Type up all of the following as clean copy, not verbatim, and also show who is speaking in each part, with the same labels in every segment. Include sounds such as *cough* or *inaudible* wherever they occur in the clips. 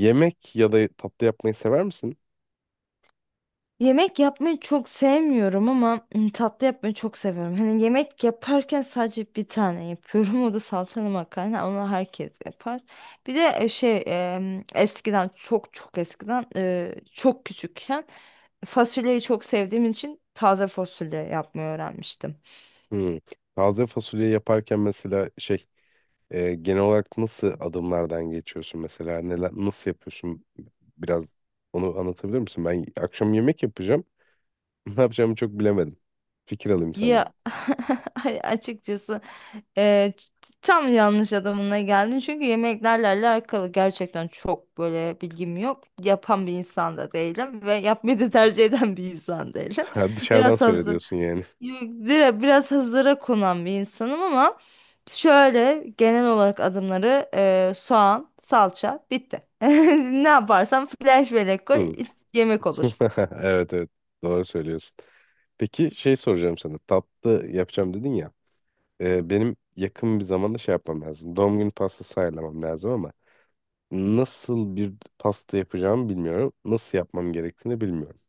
Speaker 1: Yemek ya da tatlı yapmayı sever misin?
Speaker 2: Yemek yapmayı çok sevmiyorum ama tatlı yapmayı çok seviyorum. Hani yemek yaparken sadece bir tane yapıyorum. *laughs* O da salçalı makarna. Onu herkes yapar. Bir de eskiden, çok çok eskiden, çok küçükken fasulyeyi çok sevdiğim için taze fasulye yapmayı öğrenmiştim.
Speaker 1: Hmm. Taze fasulye yaparken mesela şey genel olarak nasıl adımlardan geçiyorsun, mesela neler nasıl yapıyorsun biraz onu anlatabilir misin? Ben akşam yemek yapacağım. *laughs* Ne yapacağımı çok bilemedim. Fikir alayım senden.
Speaker 2: Ya, *laughs* açıkçası e, tam yanlış adamına geldin, çünkü yemeklerle alakalı gerçekten çok böyle bilgim yok. Yapan bir insan da değilim ve yapmayı da tercih
Speaker 1: *laughs*
Speaker 2: eden bir insan değilim.
Speaker 1: Ha,
Speaker 2: *laughs*
Speaker 1: dışarıdan
Speaker 2: Biraz
Speaker 1: söyle
Speaker 2: hazır,
Speaker 1: diyorsun yani.
Speaker 2: Yok, biraz hazıra konan bir insanım ama şöyle genel olarak adımları soğan, salça bitti. *laughs* Ne yaparsam flash bellek koy,
Speaker 1: Hmm.
Speaker 2: yemek
Speaker 1: *laughs*
Speaker 2: olur.
Speaker 1: Evet evet, doğru söylüyorsun. Peki şey soracağım sana. Tatlı yapacağım dedin ya. Benim yakın bir zamanda şey yapmam lazım. Doğum günü pastası ayarlamam lazım ama nasıl bir pasta yapacağımı bilmiyorum. Nasıl yapmam gerektiğini bilmiyorum.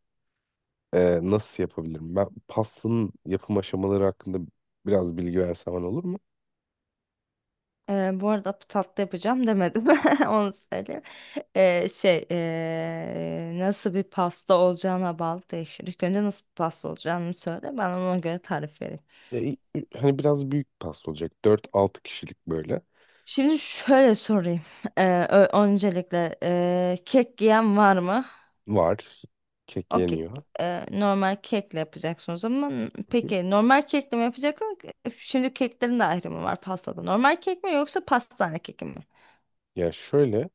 Speaker 1: Nasıl yapabilirim? Ben pastanın yapım aşamaları hakkında biraz bilgi versen bana olur mu?
Speaker 2: Bu arada tatlı yapacağım demedim. *laughs* Onu söyleyeyim. Nasıl bir pasta olacağına bağlı değişir. İlk önce nasıl bir pasta olacağını söyle. Ben ona göre tarif vereyim.
Speaker 1: Ya, i- Hani biraz büyük pasta olacak. Dört altı kişilik böyle.
Speaker 2: Şimdi şöyle sorayım. Öncelikle kek yiyen var mı?
Speaker 1: Var. Kek
Speaker 2: O kek
Speaker 1: yeniyor.
Speaker 2: normal kekle yapacaksınız, ama
Speaker 1: Hı hı.
Speaker 2: peki normal kekle mi yapacaksınız? Şimdi keklerin de ayrımı var pastada. Normal kek mi yoksa pastane keki mi?
Speaker 1: Ya şöyle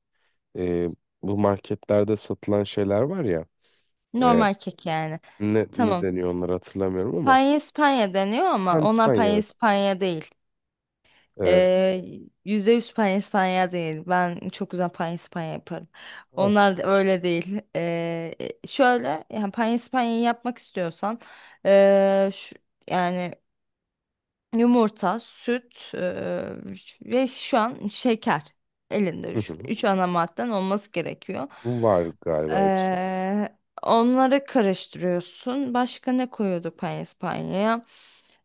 Speaker 1: e, bu marketlerde satılan şeyler var ya, e,
Speaker 2: Normal kek yani.
Speaker 1: ne
Speaker 2: Tamam.
Speaker 1: deniyor onları hatırlamıyorum ama
Speaker 2: Panyespanya deniyor ama onlar
Speaker 1: pandispanya, evet.
Speaker 2: Panyespanya değil.
Speaker 1: E,
Speaker 2: Ee, %100 Panyespanya değil. Ben çok güzel Panyespanya yaparım.
Speaker 1: var,
Speaker 2: Onlar da
Speaker 1: süper.
Speaker 2: öyle değil. Şöyle, yani Panyespanya'yı yapmak istiyorsan, ee, şu- yani yumurta, süt, ve şu an şeker elinde.
Speaker 1: Hı
Speaker 2: Şu,
Speaker 1: hı.
Speaker 2: üç ana madden olması gerekiyor.
Speaker 1: Bu var galiba hepsi.
Speaker 2: Ee, onları karıştırıyorsun. Başka ne koyuyorduk panispanyaya?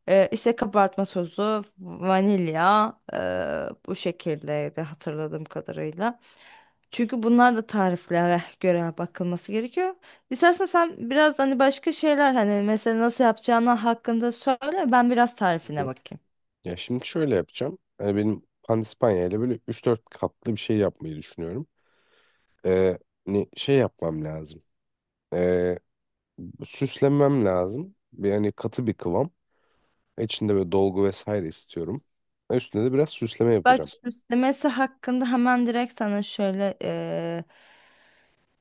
Speaker 2: İşte kabartma tozu, vanilya, bu şekildeydi hatırladığım kadarıyla. Çünkü bunlar da tariflere göre bakılması gerekiyor. İstersen sen biraz hani başka şeyler, hani mesela nasıl yapacağını hakkında söyle, ben biraz
Speaker 1: Hı
Speaker 2: tarifine
Speaker 1: hı.
Speaker 2: bakayım.
Speaker 1: Ya şimdi şöyle yapacağım. Yani benim pandispanya ile böyle üç dört katlı bir şey yapmayı düşünüyorum. E, Hani şey yapmam lazım. E, Süslemem lazım. Yani katı bir kıvam. İçinde böyle dolgu vesaire istiyorum. Üstüne de biraz süsleme
Speaker 2: Bak,
Speaker 1: yapacağım.
Speaker 2: süslemesi hakkında hemen direkt sana şöyle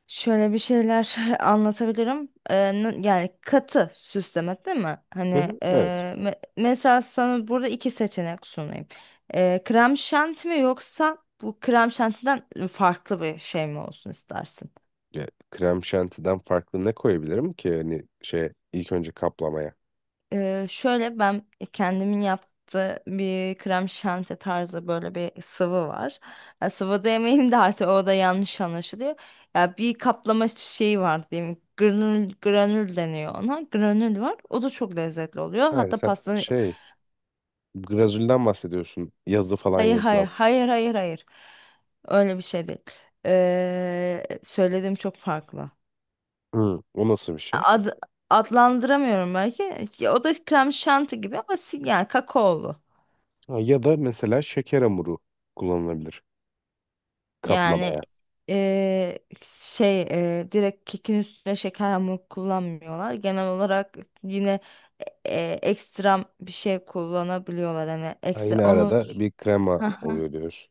Speaker 2: Şöyle bir şeyler *laughs* anlatabilirim. Yani katı süsleme değil mi? Hani,
Speaker 1: Hı hı,
Speaker 2: e,
Speaker 1: evet.
Speaker 2: mesela sana burada iki seçenek sunayım. Krem şanti mi yoksa bu krem şantiden farklı bir şey mi olsun istersin?
Speaker 1: Ya, krem şantiden farklı ne koyabilirim ki hani şey ilk önce kaplamaya?
Speaker 2: Şöyle, ben kendimin yaptığı bir krem şanti tarzı böyle bir sıvı var. Ya, sıvı demeyeyim de artık, o da yanlış anlaşılıyor. Ya bir kaplama şeyi var diyeyim. Granül deniyor ona. Granül var. O da çok lezzetli oluyor.
Speaker 1: Ha,
Speaker 2: Hatta
Speaker 1: sen
Speaker 2: pastanın
Speaker 1: şey glazülden bahsediyorsun, yazı falan
Speaker 2: Hayır, hayır,
Speaker 1: yazılan.
Speaker 2: hayır, hayır, hayır. Öyle bir şey değil. Söylediğim çok farklı.
Speaker 1: Hı, o nasıl bir şey?
Speaker 2: Ad, adlandıramıyorum belki. Ya, o da krem şanti gibi ama yani kakaolu.
Speaker 1: Ha, ya da mesela şeker hamuru kullanılabilir
Speaker 2: Yani
Speaker 1: kaplamaya.
Speaker 2: eee, direkt kekin üstüne şeker hamur kullanmıyorlar. Genel olarak yine ekstra bir şey kullanabiliyorlar. Hani
Speaker 1: Ha,
Speaker 2: ekstra
Speaker 1: yine
Speaker 2: onu.
Speaker 1: arada bir krema
Speaker 2: Haha.
Speaker 1: oluyor diyoruz.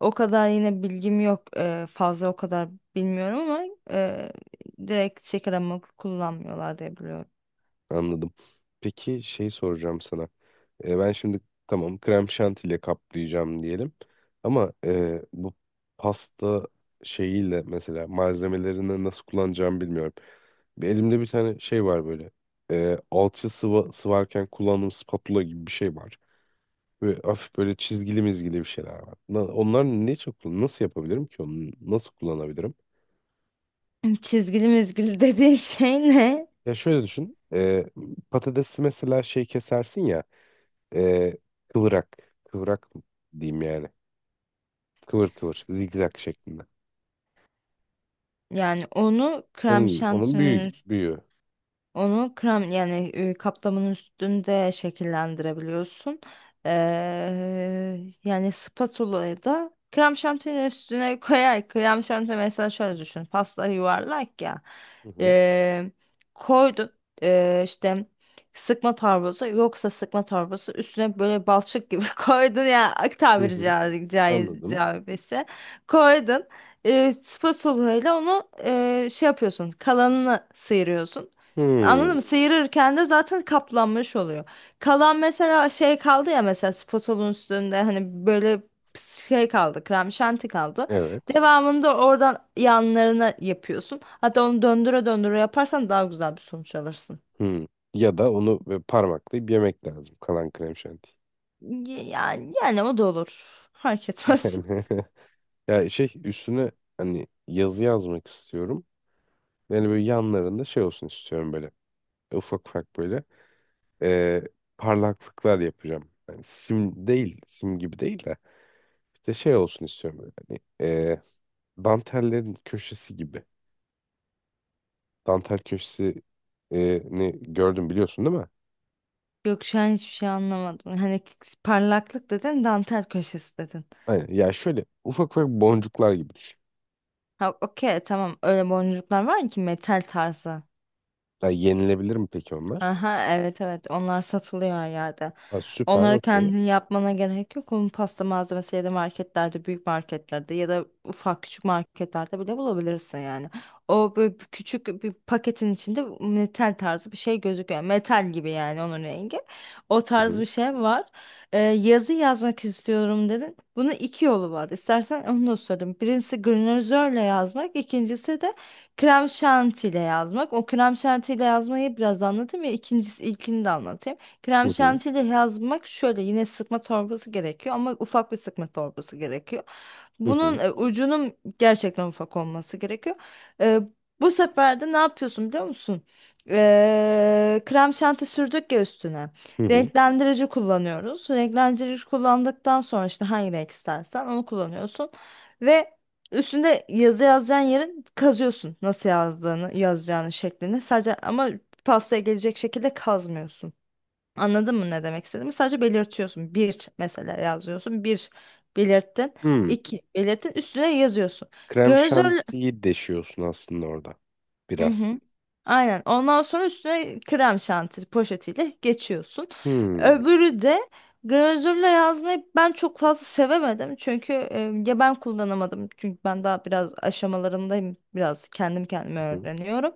Speaker 2: O kadar yine bilgim yok. Fazla o kadar bilmiyorum ama eee, direkt şeker hamur kullanmıyorlar diye biliyorum.
Speaker 1: Anladım. Peki şey soracağım sana. Ben şimdi, tamam, krem şantiyle kaplayacağım diyelim. Ama bu pasta şeyiyle mesela malzemelerini nasıl kullanacağımı bilmiyorum. Bir elimde bir tane şey var böyle. Alçı sıva, sıvarken kullandığım spatula gibi bir şey var. Ve hafif böyle çizgili mizgili bir şeyler var. Onlar ne, çok nasıl yapabilirim ki onu, nasıl kullanabilirim?
Speaker 2: Çizgili mizgili *laughs* dediğin şey ne?
Speaker 1: Ya şöyle düşün. Patatesi mesela şey kesersin ya, e, kıvrak. Kıvrak diyeyim yani. Kıvır kıvır. Zigzag şeklinde.
Speaker 2: Yani onu krem
Speaker 1: Onun gibi. Onun büyüğü.
Speaker 2: şantinin
Speaker 1: Büyüğü.
Speaker 2: Onu krem, yani kaplamın üstünde şekillendirebiliyorsun. Ee, yani spatula'yı da krem şantinin üstüne *laughs* koyar. Krem şanti, mesela şöyle düşün. Pasta yuvarlak ya.
Speaker 1: Hı hı.
Speaker 2: Ee, koydun, işte sıkma torbası, yoksa sıkma torbası üstüne böyle balçık gibi *laughs* koydun ya, ak,
Speaker 1: Hı
Speaker 2: tabiri
Speaker 1: hı. Anladım.
Speaker 2: caizse, koydun. Spatula ile onu şey yapıyorsun, kalanını sıyırıyorsun. Anladın
Speaker 1: Hmm.
Speaker 2: mı? Sıyırırken de zaten kaplanmış oluyor. Kalan, mesela şey kaldı ya, mesela spotolun üstünde hani böyle şey kaldı, krem şanti kaldı.
Speaker 1: Evet.
Speaker 2: Devamında oradan yanlarına yapıyorsun. Hatta onu döndüre döndüre yaparsan daha güzel bir sonuç alırsın.
Speaker 1: Hmm. Ya da onu böyle parmaklayıp yemek lazım. Kalan krem şanti.
Speaker 2: Yani o da olur. Fark etmez.
Speaker 1: *laughs* Yani ya şey üstüne hani yazı yazmak istiyorum. Yani böyle yanlarında şey olsun istiyorum böyle. Ufak ufak böyle e, parlaklıklar yapacağım. Yani sim değil, sim gibi değil de işte şey olsun istiyorum böyle. Hani e, dantellerin köşesi gibi. Dantel köşesi ne gördüm biliyorsun değil mi?
Speaker 2: *laughs* Yok, şu an hiçbir şey anlamadım. Hani parlaklık dedin, dantel köşesi dedin.
Speaker 1: Aynen. Ya şöyle ufak ufak boncuklar gibi düşün.
Speaker 2: Ha, okey, tamam, öyle boncuklar var ki metal tarzı.
Speaker 1: Ya yenilebilir mi peki onlar?
Speaker 2: Aha, evet evet, onlar satılıyor her yerde.
Speaker 1: Ha, süper,
Speaker 2: Onları
Speaker 1: okey.
Speaker 2: kendin yapmana gerek yok. Onun pasta malzemesi ya da marketlerde, büyük marketlerde ya da ufak küçük marketlerde bile bulabilirsin yani. O böyle bir küçük bir paketin içinde metal tarzı bir şey gözüküyor. Metal gibi, yani onun rengi. O
Speaker 1: Hı
Speaker 2: tarz
Speaker 1: hı,
Speaker 2: bir şey var. Yazı yazmak istiyorum dedin. Bunun iki yolu var. İstersen onu da söyleyeyim. Birincisi granözörle yazmak, ikincisi de krem şantiyle yazmak. O krem şantiyle yazmayı biraz anlatayım, ya ikincisi, ilkini de anlatayım.
Speaker 1: hı
Speaker 2: Krem
Speaker 1: hı,
Speaker 2: şantiyle yazmak şöyle: yine sıkma torbası gerekiyor ama ufak bir sıkma torbası gerekiyor.
Speaker 1: hı
Speaker 2: Bunun
Speaker 1: hı,
Speaker 2: ucunun gerçekten ufak olması gerekiyor. E, bu sefer de ne yapıyorsun biliyor musun? Krem şanti sürdük ya üstüne.
Speaker 1: hı hı.
Speaker 2: Renklendirici kullanıyoruz. Renklendirici kullandıktan sonra işte hangi renk istersen onu kullanıyorsun. Ve üstünde yazı yazacağın yerin kazıyorsun, nasıl yazdığını, yazacağını şeklini. Sadece, ama pastaya gelecek şekilde kazmıyorsun. Anladın mı ne demek istediğimi? Sadece belirtiyorsun. Bir mesela yazıyorsun. Bir belirttin.
Speaker 1: Hmm.
Speaker 2: İki belirttin. Üstüne yazıyorsun.
Speaker 1: Krem
Speaker 2: Glazör.
Speaker 1: şantiyi deşiyorsun aslında orada.
Speaker 2: Hı
Speaker 1: Biraz.
Speaker 2: hı. Aynen. Ondan sonra üstüne krem şanti poşetiyle geçiyorsun.
Speaker 1: Hmm.
Speaker 2: Öbürü de, glazürle yazmayı ben çok fazla sevemedim. Çünkü, ya ben kullanamadım. Çünkü ben daha biraz aşamalarındayım. Biraz kendim kendime
Speaker 1: Hı hı,
Speaker 2: öğreniyorum.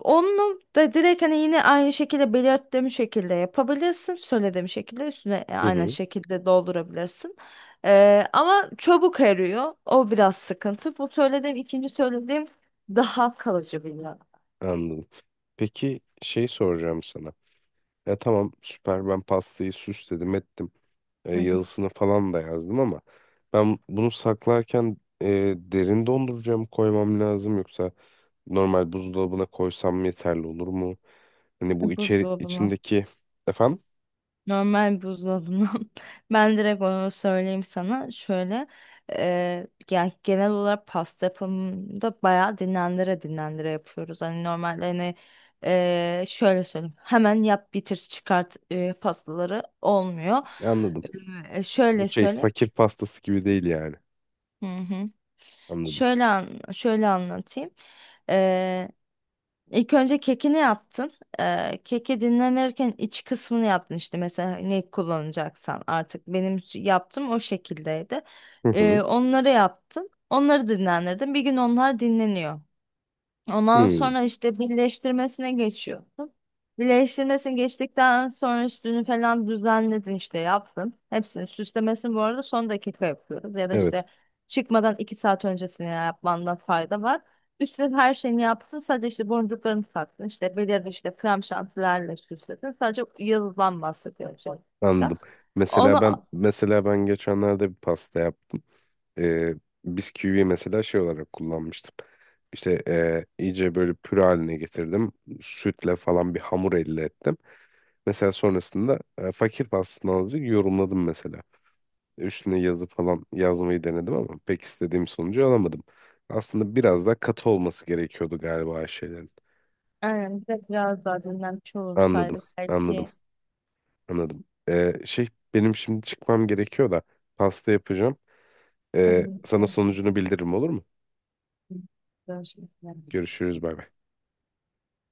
Speaker 2: Onu da direkt, hani yine aynı şekilde, belirttiğim şekilde yapabilirsin. Söylediğim şekilde üstüne
Speaker 1: hı
Speaker 2: aynı
Speaker 1: hı.
Speaker 2: şekilde doldurabilirsin. Ama çabuk eriyor. O biraz sıkıntı. Bu söylediğim, ikinci söylediğim, daha kalıcı bir yağ.
Speaker 1: Anladım. Peki şey soracağım sana. Ya tamam, süper, ben pastayı süsledim ettim.
Speaker 2: Hı hı.
Speaker 1: Yazısını falan da yazdım ama ben bunu saklarken derin dondurucuya mı koymam lazım yoksa normal buzdolabına koysam yeterli olur mu? Hani bu içeri
Speaker 2: Buzdolabına.
Speaker 1: içindeki efendim
Speaker 2: Normal buzdolabından. *laughs* Ben direkt onu söyleyeyim sana. Şöyle, yani genel olarak pasta yapımında bayağı dinlendire dinlendire yapıyoruz. Hani normalde, hani şöyle söyleyeyim: hemen yap bitir çıkart pastaları olmuyor.
Speaker 1: anladım. Bu
Speaker 2: Şöyle
Speaker 1: şey
Speaker 2: söyle.
Speaker 1: fakir pastası gibi değil yani.
Speaker 2: Hı hı.
Speaker 1: Anladım.
Speaker 2: Şöyle anlatayım. İlk önce kekini yaptın. Keki dinlenirken iç kısmını yaptın, işte mesela ne kullanacaksan artık, benim yaptığım o şekildeydi.
Speaker 1: Hı hı.
Speaker 2: Onları yaptın. Onları dinlendirdin. Bir gün onlar dinleniyor. Ondan
Speaker 1: Hı.
Speaker 2: sonra işte birleştirmesine geçiyorsun. Birleştirmesini geçtikten sonra üstünü falan düzenledin, işte yaptın. Hepsini, süslemesini bu arada son dakika yapıyoruz. Ya da
Speaker 1: Evet,
Speaker 2: işte çıkmadan 2 saat öncesine yapmanda fayda var. Üstüne her şeyini yaptın. Sadece işte boncuklarını taktın. İşte belirli, işte krem şantilerle süsledin. Sadece yıldızdan bahsediyorum şu anda.
Speaker 1: anladım. Mesela ben,
Speaker 2: Onu
Speaker 1: mesela ben geçenlerde bir pasta yaptım. e, Biz kiwiyi mesela şey olarak kullanmıştım. İşte iyice böyle püre haline getirdim. Sütle falan bir hamur elde ettim. Mesela sonrasında fakir pastası azıcık yorumladım mesela. Üstüne yazı falan yazmayı denedim ama pek istediğim sonucu alamadım. Aslında biraz daha katı olması gerekiyordu galiba şeylerin.
Speaker 2: Yani bir de biraz daha dinlenmiş
Speaker 1: Anladım,
Speaker 2: olursaydık
Speaker 1: anladım,
Speaker 2: belki.
Speaker 1: anladım. Şey benim şimdi çıkmam gerekiyor da pasta yapacağım.
Speaker 2: Tamam.
Speaker 1: Sana sonucunu bildiririm olur mu?
Speaker 2: Görüşmek üzere.
Speaker 1: Görüşürüz, bay bay.